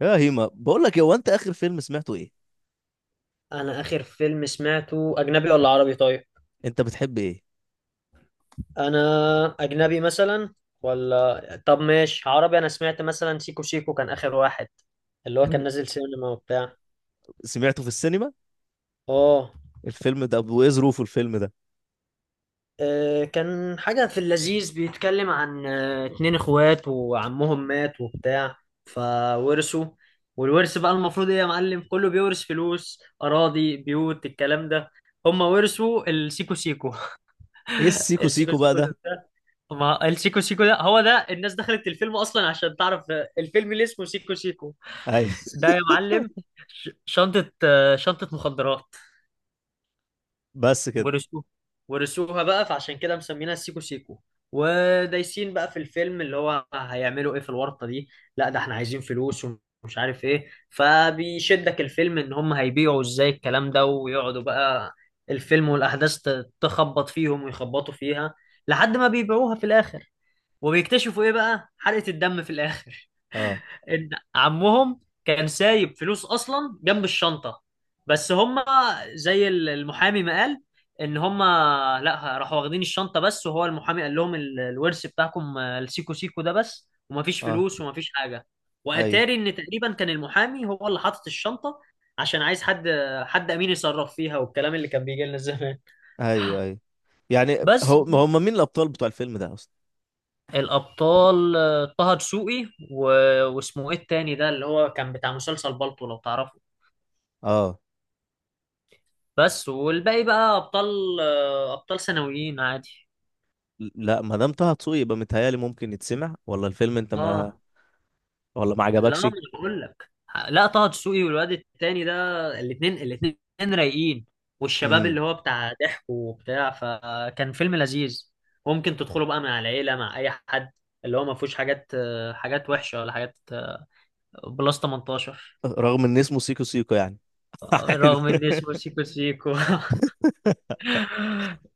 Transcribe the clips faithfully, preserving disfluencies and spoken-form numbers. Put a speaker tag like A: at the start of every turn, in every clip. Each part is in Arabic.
A: يا هيما بقول لك إيه، هو انت اخر فيلم سمعته ايه؟
B: انا اخر فيلم سمعته اجنبي ولا عربي؟ طيب
A: انت بتحب ايه؟
B: انا اجنبي مثلا، ولا طب ماشي عربي. انا سمعت مثلا سيكو سيكو، كان اخر واحد اللي هو كان نازل سينما وبتاع.
A: سمعته في السينما؟
B: اه.
A: الفيلم ده، وايه ظروفه الفيلم ده؟
B: آه، كان حاجة في اللذيذ، بيتكلم عن آه، اتنين اخوات وعمهم مات وبتاع فورثوا. والورث بقى المفروض ايه يا معلم، كله بيورث فلوس اراضي بيوت الكلام ده. هما ورثوا السيكو سيكو.
A: ايه السيكو
B: السيكو
A: سيكو بقى
B: سيكو
A: ده؟
B: ده، ما السيكو سيكو ده هو ده الناس دخلت الفيلم اصلا عشان تعرف الفيلم اللي اسمه سيكو سيكو.
A: ايوه.
B: ده يا معلم ش- شنطة، آه، شنطة مخدرات.
A: بس كده؟
B: ورثوها. ورثوها بقى فعشان كده مسمينها سيكو سيكو. ودايسين بقى في الفيلم، اللي هو هيعملوا ايه في الورطة دي؟ لا ده احنا عايزين فلوس ومش عارف ايه، فبيشدك الفيلم ان هم هيبيعوا ازاي الكلام ده، ويقعدوا بقى الفيلم والاحداث ت- تخبط فيهم ويخبطوا فيها لحد ما بيبيعوها في الاخر. وبيكتشفوا ايه بقى، حلقة الدم في الاخر
A: اه.
B: ان عمهم كان سايب فلوس اصلا جنب الشنطة. بس هما، زي ال- المحامي ما قال، ان هما لا، راحوا واخدين الشنطة بس، وهو المحامي قال لهم ال- الورث بتاعكم آه، السيكو سيكو ده بس، ومفيش
A: اه.
B: فلوس ومفيش حاجة.
A: ايوه،
B: واتاري ان تقريبا كان المحامي هو اللي حاطط الشنطة، عشان عايز حد، حد امين يصرف فيها، والكلام اللي كان بيجي لنا زمان.
A: ايوه، ايوه. يعني
B: بس
A: هو هم مين الابطال بتوع الفيلم ده اصلا؟
B: الأبطال آه، طه دسوقي و- واسمه إيه التاني ده، اللي هو كان بتاع مسلسل بالطو لو تعرفه،
A: اه.
B: بس. والباقي بقى أبطال آه، أبطال ثانويين عادي.
A: لا، ما دام طه دسوقي يبقى متهيألي ممكن يتسمع، ولا الفيلم انت ما
B: آه،
A: ولا ما
B: لا ما
A: عجبكش؟
B: أنا بقول لك، لا طه دسوقي والواد التاني ده، الاتنين الاتنين رايقين، والشباب
A: امم.
B: اللي هو بتاع ضحك وبتاع، فكان فيلم لذيذ. ممكن تدخله بقى مع العيلة مع أي حد، اللي هو ما فيهوش حاجات آه، حاجات وحشة ولا حاجات آه، بلس تمنتاشر.
A: رغم ان اسمه سيكو سيكو يعني. عادي.
B: رغم ان اسمه سيكو سيكو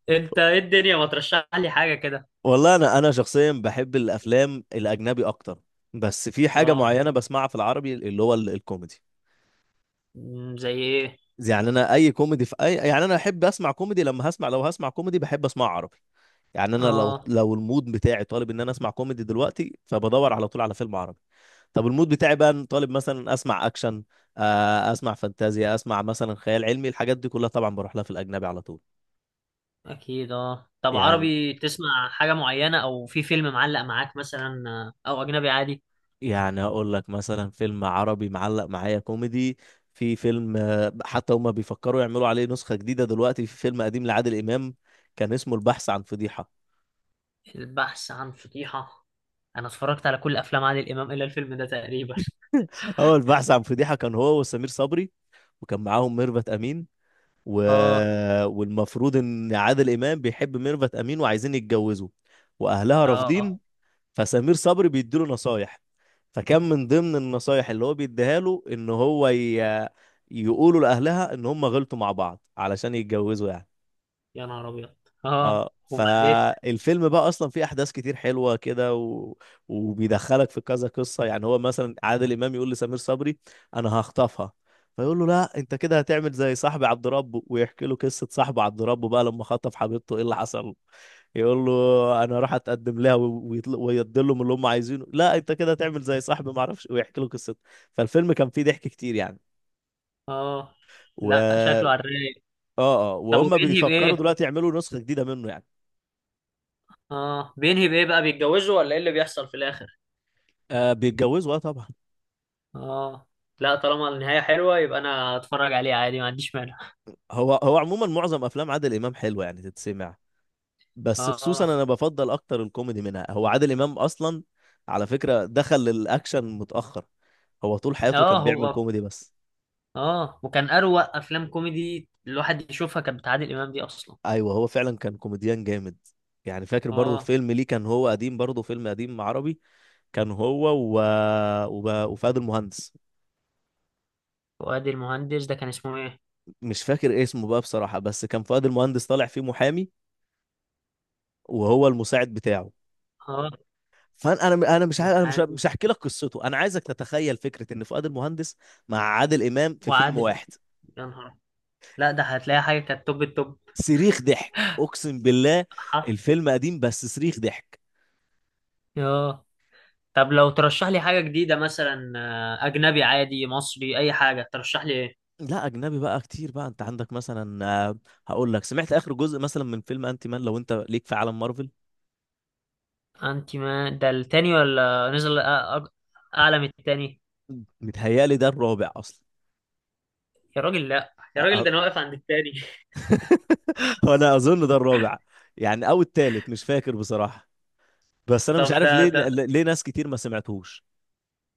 B: انت ايه الدنيا، ما ترشح لي حاجة كده.
A: والله انا انا شخصيا بحب الافلام الاجنبي اكتر. بس في حاجه
B: اه.
A: معينه بسمعها في العربي اللي هو ال- الكوميدي.
B: مم، زي ايه؟
A: يعني انا اي كوميدي في اي، يعني انا احب اسمع كوميدي، لما هسمع لو هسمع كوميدي بحب اسمع عربي. يعني انا لو
B: اه
A: لو المود بتاعي طالب ان انا اسمع كوميدي دلوقتي، فبدور على طول على فيلم عربي. طب المود بتاعي بقى طالب مثلا اسمع اكشن، آه، اسمع فانتازيا، اسمع مثلا خيال علمي، الحاجات دي كلها طبعا بروح لها في الاجنبي على طول.
B: اكيد. اه طب
A: يعني.
B: عربي، تسمع حاجة معينة او في فيلم معلق معاك مثلا، آه، او اجنبي عادي؟
A: يعني اقول لك مثلا فيلم عربي معلق معايا كوميدي. في فيلم، آه، حتى هما بيفكروا يعملوا عليه نسخة جديدة دلوقتي، في فيلم قديم لعادل إمام. كان اسمه البحث عن فضيحة.
B: البحث عن فضيحة، انا اتفرجت على كل افلام عادل امام الا الفيلم ده تقريبا
A: هو البحث عن فضيحة كان هو وسمير صبري، وكان معاهم ميرفت أمين و...
B: اه.
A: والمفروض إن عادل إمام بيحب ميرفت أمين وعايزين يتجوزوا، وأهلها رافضين.
B: اه.
A: فسمير صبري بيديله نصايح. فكان من ضمن النصايح اللي هو بيديها له ان هو ي... يقولوا لاهلها ان هم غلطوا مع بعض علشان يتجوزوا يعني.
B: يا نهار ابيض. اه
A: اه،
B: وبعدين؟
A: فالفيلم بقى اصلا فيه احداث كتير حلوه كده و... وبيدخلك في كذا قصه، يعني هو مثلا عادل امام يقول لسمير صبري، انا هخطفها. فيقول له لا انت كده هتعمل زي صاحبي عبد ربه، ويحكي له قصه صاحبه عبد ربه بقى، لما خطف حبيبته ايه اللي حصل له. يقول له انا راح اتقدم لها، ويدي لهم اللي هم عايزينه. لا انت كده هتعمل زي صاحبي ما اعرفش، ويحكي له قصته. فالفيلم كان فيه ضحك كتير يعني.
B: اه،
A: و
B: لا
A: اه
B: شكله على الرايق.
A: اه
B: طب
A: وهم
B: وبينهي
A: بيفكروا
B: بايه؟
A: دلوقتي يعملوا نسخه جديده منه يعني.
B: اه بينهي بايه بقى، بيتجوزوا ولا ايه اللي بيحصل في الاخر؟
A: آه، بيتجوزوا، اه طبعا.
B: اه. لا طالما النهاية حلوة يبقى انا اتفرج عليه عادي، ما عنديش مانع.
A: هو هو عموما معظم افلام عادل امام حلوه يعني تتسمع. بس خصوصا
B: اه.
A: انا بفضل اكتر الكوميدي منها، هو عادل امام اصلا، على فكره دخل للاكشن متاخر. هو طول حياته
B: اه
A: كان بيعمل
B: هو.
A: كوميدي بس.
B: اه وكان اروق افلام كوميدي الواحد يشوفها كانت بتاع عادل امام دي اصلا.
A: ايوه، هو فعلا كان كوميديان جامد. يعني فاكر برضه
B: اه.
A: فيلم ليه كان، هو قديم برضه فيلم قديم عربي. كان هو و... وب... وفؤاد المهندس.
B: فؤاد المهندس ده كان اسمه ايه؟
A: مش فاكر اسمه بقى بصراحه، بس كان فؤاد المهندس طالع فيه محامي، وهو المساعد بتاعه.
B: اه.
A: فانا انا انا مش عارف، انا مش
B: محامي.
A: مش هحكي لك قصته، انا عايزك تتخيل فكره ان فؤاد المهندس مع عادل امام في فيلم
B: وعادل،
A: واحد.
B: يا نهار، لا ده هتلاقي حاجة كانت توب التوب.
A: صريخ ضحك اقسم بالله.
B: حرف.
A: الفيلم قديم بس صريخ ضحك.
B: اه طب لو ترشح لي حاجة جديدة مثلا، آه، اجنبي عادي مصري اي حاجة، ترشح لي ايه؟
A: لا، اجنبي بقى كتير بقى، انت عندك مثلا، آه، هقول لك سمعت اخر جزء مثلا من فيلم انتي مان، لو انت ليك في عالم مارفل.
B: انت ما ده التاني، ولا نزل أ- أ- اعلى من التاني؟
A: متهيالي ده الرابع اصلا.
B: يا راجل، لا يا
A: أ-
B: راجل،
A: أ-
B: ده انا واقف عند التاني
A: انا اظن ده الرابع. يعني او التالت، مش فاكر بصراحه. بس انا مش
B: طب
A: عارف
B: ده
A: ليه
B: ده
A: ليه ناس كتير ما سمعتهوش.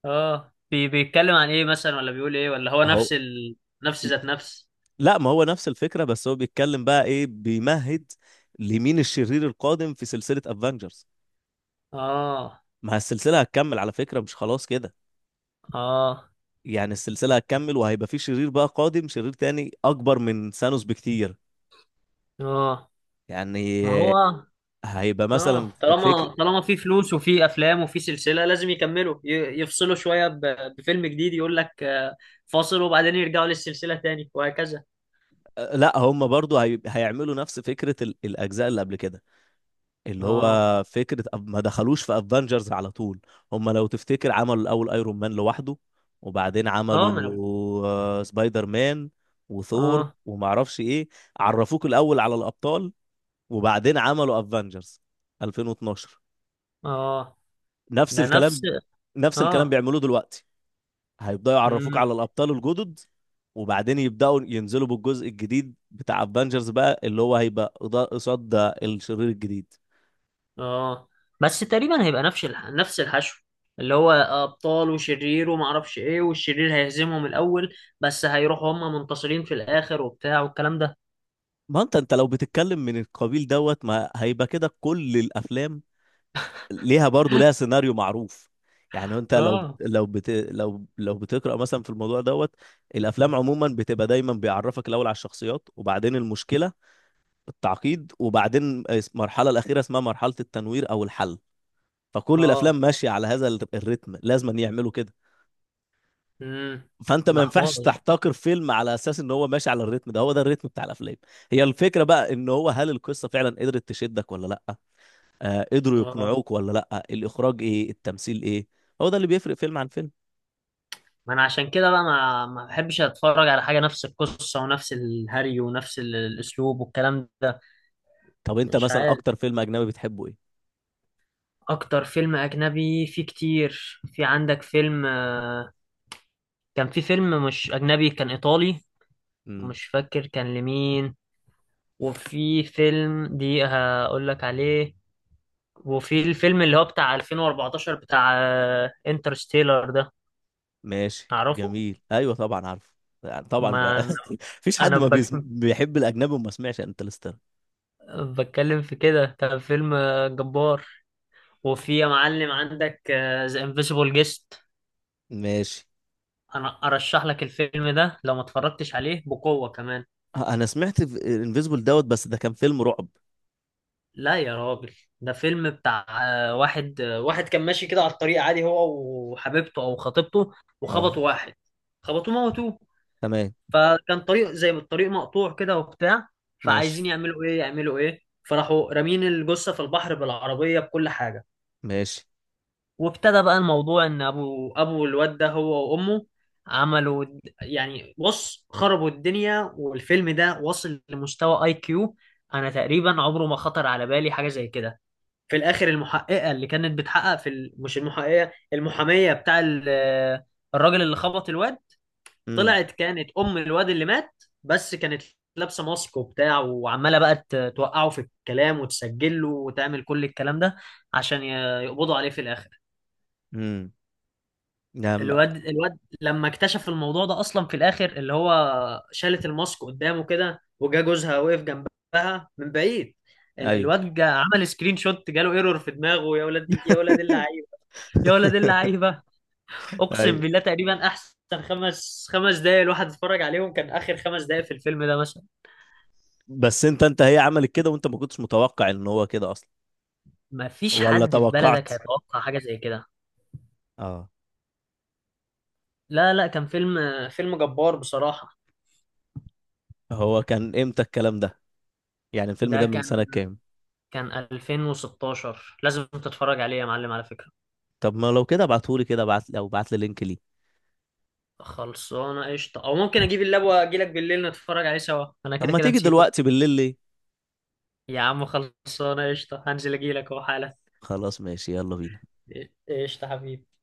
B: اه، بي بيتكلم عن ايه مثلا، ولا بيقول ايه، ولا هو
A: اهو.
B: نفس ال... نفس ذات نفس؟
A: لا ما هو نفس الفكرة، بس هو بيتكلم بقى ايه، بيمهد لمين الشرير القادم في سلسلة افنجرز.
B: اه
A: ما السلسلة هتكمل على فكرة، مش خلاص كده.
B: اه
A: يعني السلسلة هتكمل وهيبقى في شرير بقى قادم، شرير تاني اكبر من ثانوس بكتير.
B: اه،
A: يعني
B: ما هو
A: هيبقى
B: اه،
A: مثلا، فكر.
B: طالما طالما في فلوس وفي افلام وفي سلسله لازم يكملوا، ي- يفصلوا شويه ب... بفيلم جديد، يقول لك آه، فاصل وبعدين يرجعوا للسلسله تاني وهكذا.
A: لا، هم برضو هي... هيعملوا نفس فكرة ال... الاجزاء اللي قبل كده، اللي
B: اه.
A: هو فكرة أف- ما دخلوش في افنجرز على طول. هم لو تفتكر عملوا الأول ايرون مان لوحده، وبعدين
B: اه
A: عملوا
B: ما انا.
A: آه، سبايدر مان وثور
B: اه
A: ومعرفش ايه. عرفوك الأول على الأبطال، وبعدين عملوا افنجرز ألفين واتناشر.
B: اه.
A: نفس
B: ده نفس.
A: الكلام. نفس الكلام
B: اه.
A: بيعملوه دلوقتي. هيبدأوا يعرفوك
B: مم.
A: على الأبطال الجدد، وبعدين يبدأوا ينزلوا بالجزء الجديد بتاع افنجرز بقى، اللي هو هيبقى قضاء- قصاد ده الشرير الجديد.
B: اه بس تقريبا هيبقى نفس الح... نفس الحشو، اللي هو ابطال وشرير وما اعرفش ايه، والشرير هيهزمهم الاول بس هيروحوا هم منتصرين في الاخر وبتاع والكلام ده.
A: ما انت انت لو بتتكلم من القبيل دوت، ما هيبقى كده كل الافلام ليها برضو ليها سيناريو معروف. يعني انت لو
B: اه.
A: لو بت لو لو بتقرا مثلا في الموضوع دوت. الافلام عموما بتبقى دايما بيعرفك الاول على الشخصيات، وبعدين المشكله، التعقيد، وبعدين اس- المرحله الاخيره اسمها مرحله التنوير او الحل. فكل الافلام
B: اه.
A: ماشيه على هذا ال- الريتم، لازم يعملوا كده.
B: امم.
A: فانت ما
B: ده حوار.
A: ينفعش تحتكر فيلم على اساس ان هو ماشي على الريتم ده، هو ده الريتم بتاع الافلام. هي الفكره بقى ان هو، هل القصه فعلا قدرت تشدك ولا لا، آه قدروا
B: اه
A: يقنعوك ولا لا، الاخراج ايه، التمثيل ايه. هو ده اللي بيفرق فيلم عن فيلم.
B: ما انا عشان كده بقى ما ما بحبش اتفرج على حاجه نفس القصه ونفس الهري ونفس ال- الاسلوب والكلام ده.
A: طب انت
B: مش
A: مثلا
B: عارف.
A: اكتر فيلم اجنبي بتحبه ايه؟
B: اكتر فيلم اجنبي فيه كتير، في عندك فيلم، آه، كان في فيلم مش اجنبي، كان ايطالي،
A: امم.
B: مش فاكر كان لمين. وفي فيلم دي هقول لك عليه، وفي الفيلم اللي هو بتاع ألفين وأربعة عشر بتاع انترستيلر ده،
A: ماشي،
B: تعرفه؟
A: جميل، ايوه طبعا عارفه. يعني طبعا
B: ما
A: بقى.
B: انا،
A: مفيش حد
B: أنا
A: ما
B: بك...
A: بيسم... بيحب الاجنبي وما سمعش انترستيلر.
B: بتكلم في كده، كان فيلم آه، جبار. وفي يا معلم عندك ذا انفيسيبل جيست،
A: ماشي.
B: انا ارشح لك الفيلم ده لو ما اتفرجتش عليه بقوة كمان.
A: آه، انا سمعت انفيزبل دوت، بس ده كان فيلم رعب.
B: لا يا راجل، ده فيلم بتاع آه، واحد آه، واحد كان ماشي كده على الطريق عادي هو وحبيبته او خطيبته،
A: اه.
B: وخبطوا واحد. خبطوه موتوه،
A: تمام.
B: فكان طريق زي ما الطريق مقطوع كده وبتاع،
A: ماشي.
B: فعايزين يعملوا ايه يعملوا ايه، فراحوا رامين الجثه في البحر بالعربيه بكل حاجه.
A: ماشي.
B: وابتدى بقى الموضوع ان ابو ابو الواد ده هو وامه عملوا د- يعني بص خربوا الدنيا، والفيلم ده وصل لمستوى اي كيو، انا تقريبا عمره ما خطر على بالي حاجه زي كده. في الاخر المحققه اللي كانت بتحقق في ال... مش المحققه، المحاميه بتاع ال... الراجل اللي خبط الواد،
A: امم.
B: طلعت كانت ام الواد اللي مات. بس كانت لابسه ماسك وبتاع، وعماله بقى ت- توقعه في الكلام وتسجل له وتعمل كل الكلام ده، عشان ي- يقبضوا عليه في الاخر.
A: امم. نعم.
B: الواد الواد لما اكتشف الموضوع ده اصلا في الاخر اللي هو شالت الماسك قدامه كده، وجا جوزها وقف جنبها من بعيد. ال-
A: ايوه.
B: الواد جا عمل سكرين شوت، جاله ايرور في دماغه. يا ولاد يا ولاد اللعيبه. يا ولاد اللعيبه. اقسم
A: ايوه.
B: بالله تقريبا احسن خمس خمس دقايق الواحد اتفرج عليهم، كان اخر خمس دقايق في الفيلم ده مثلا.
A: بس انت انت هي عملت كده وانت ما كنتش متوقع ان هو كده اصلا،
B: ما فيش
A: ولا
B: حد في
A: توقعت؟
B: بلدك هيتوقع حاجه زي كده.
A: اه.
B: لا لا، كان فيلم، فيلم جبار بصراحه.
A: هو كان امتى الكلام ده؟ يعني الفيلم
B: ده
A: ده من
B: كان
A: سنة كام؟
B: كان ألفين وستاشر. لازم تتفرج عليه يا معلم على فكره.
A: طب ما لو كده ابعتهولي كده، ابعت لو بعت لي لينك ليه.
B: خلصانه قشطه، او ممكن اجيب اللاب واجي لك بالليل نتفرج عليه سوا، انا
A: طب
B: كده
A: ما
B: كده
A: تيجي
B: نسيته.
A: دلوقتي بالليل ليه؟
B: يا عم خلصانه قشطه، هنزل اجي لك اهو حالا.
A: خلاص، ماشي، يلا بينا.
B: قشطه حبيبي.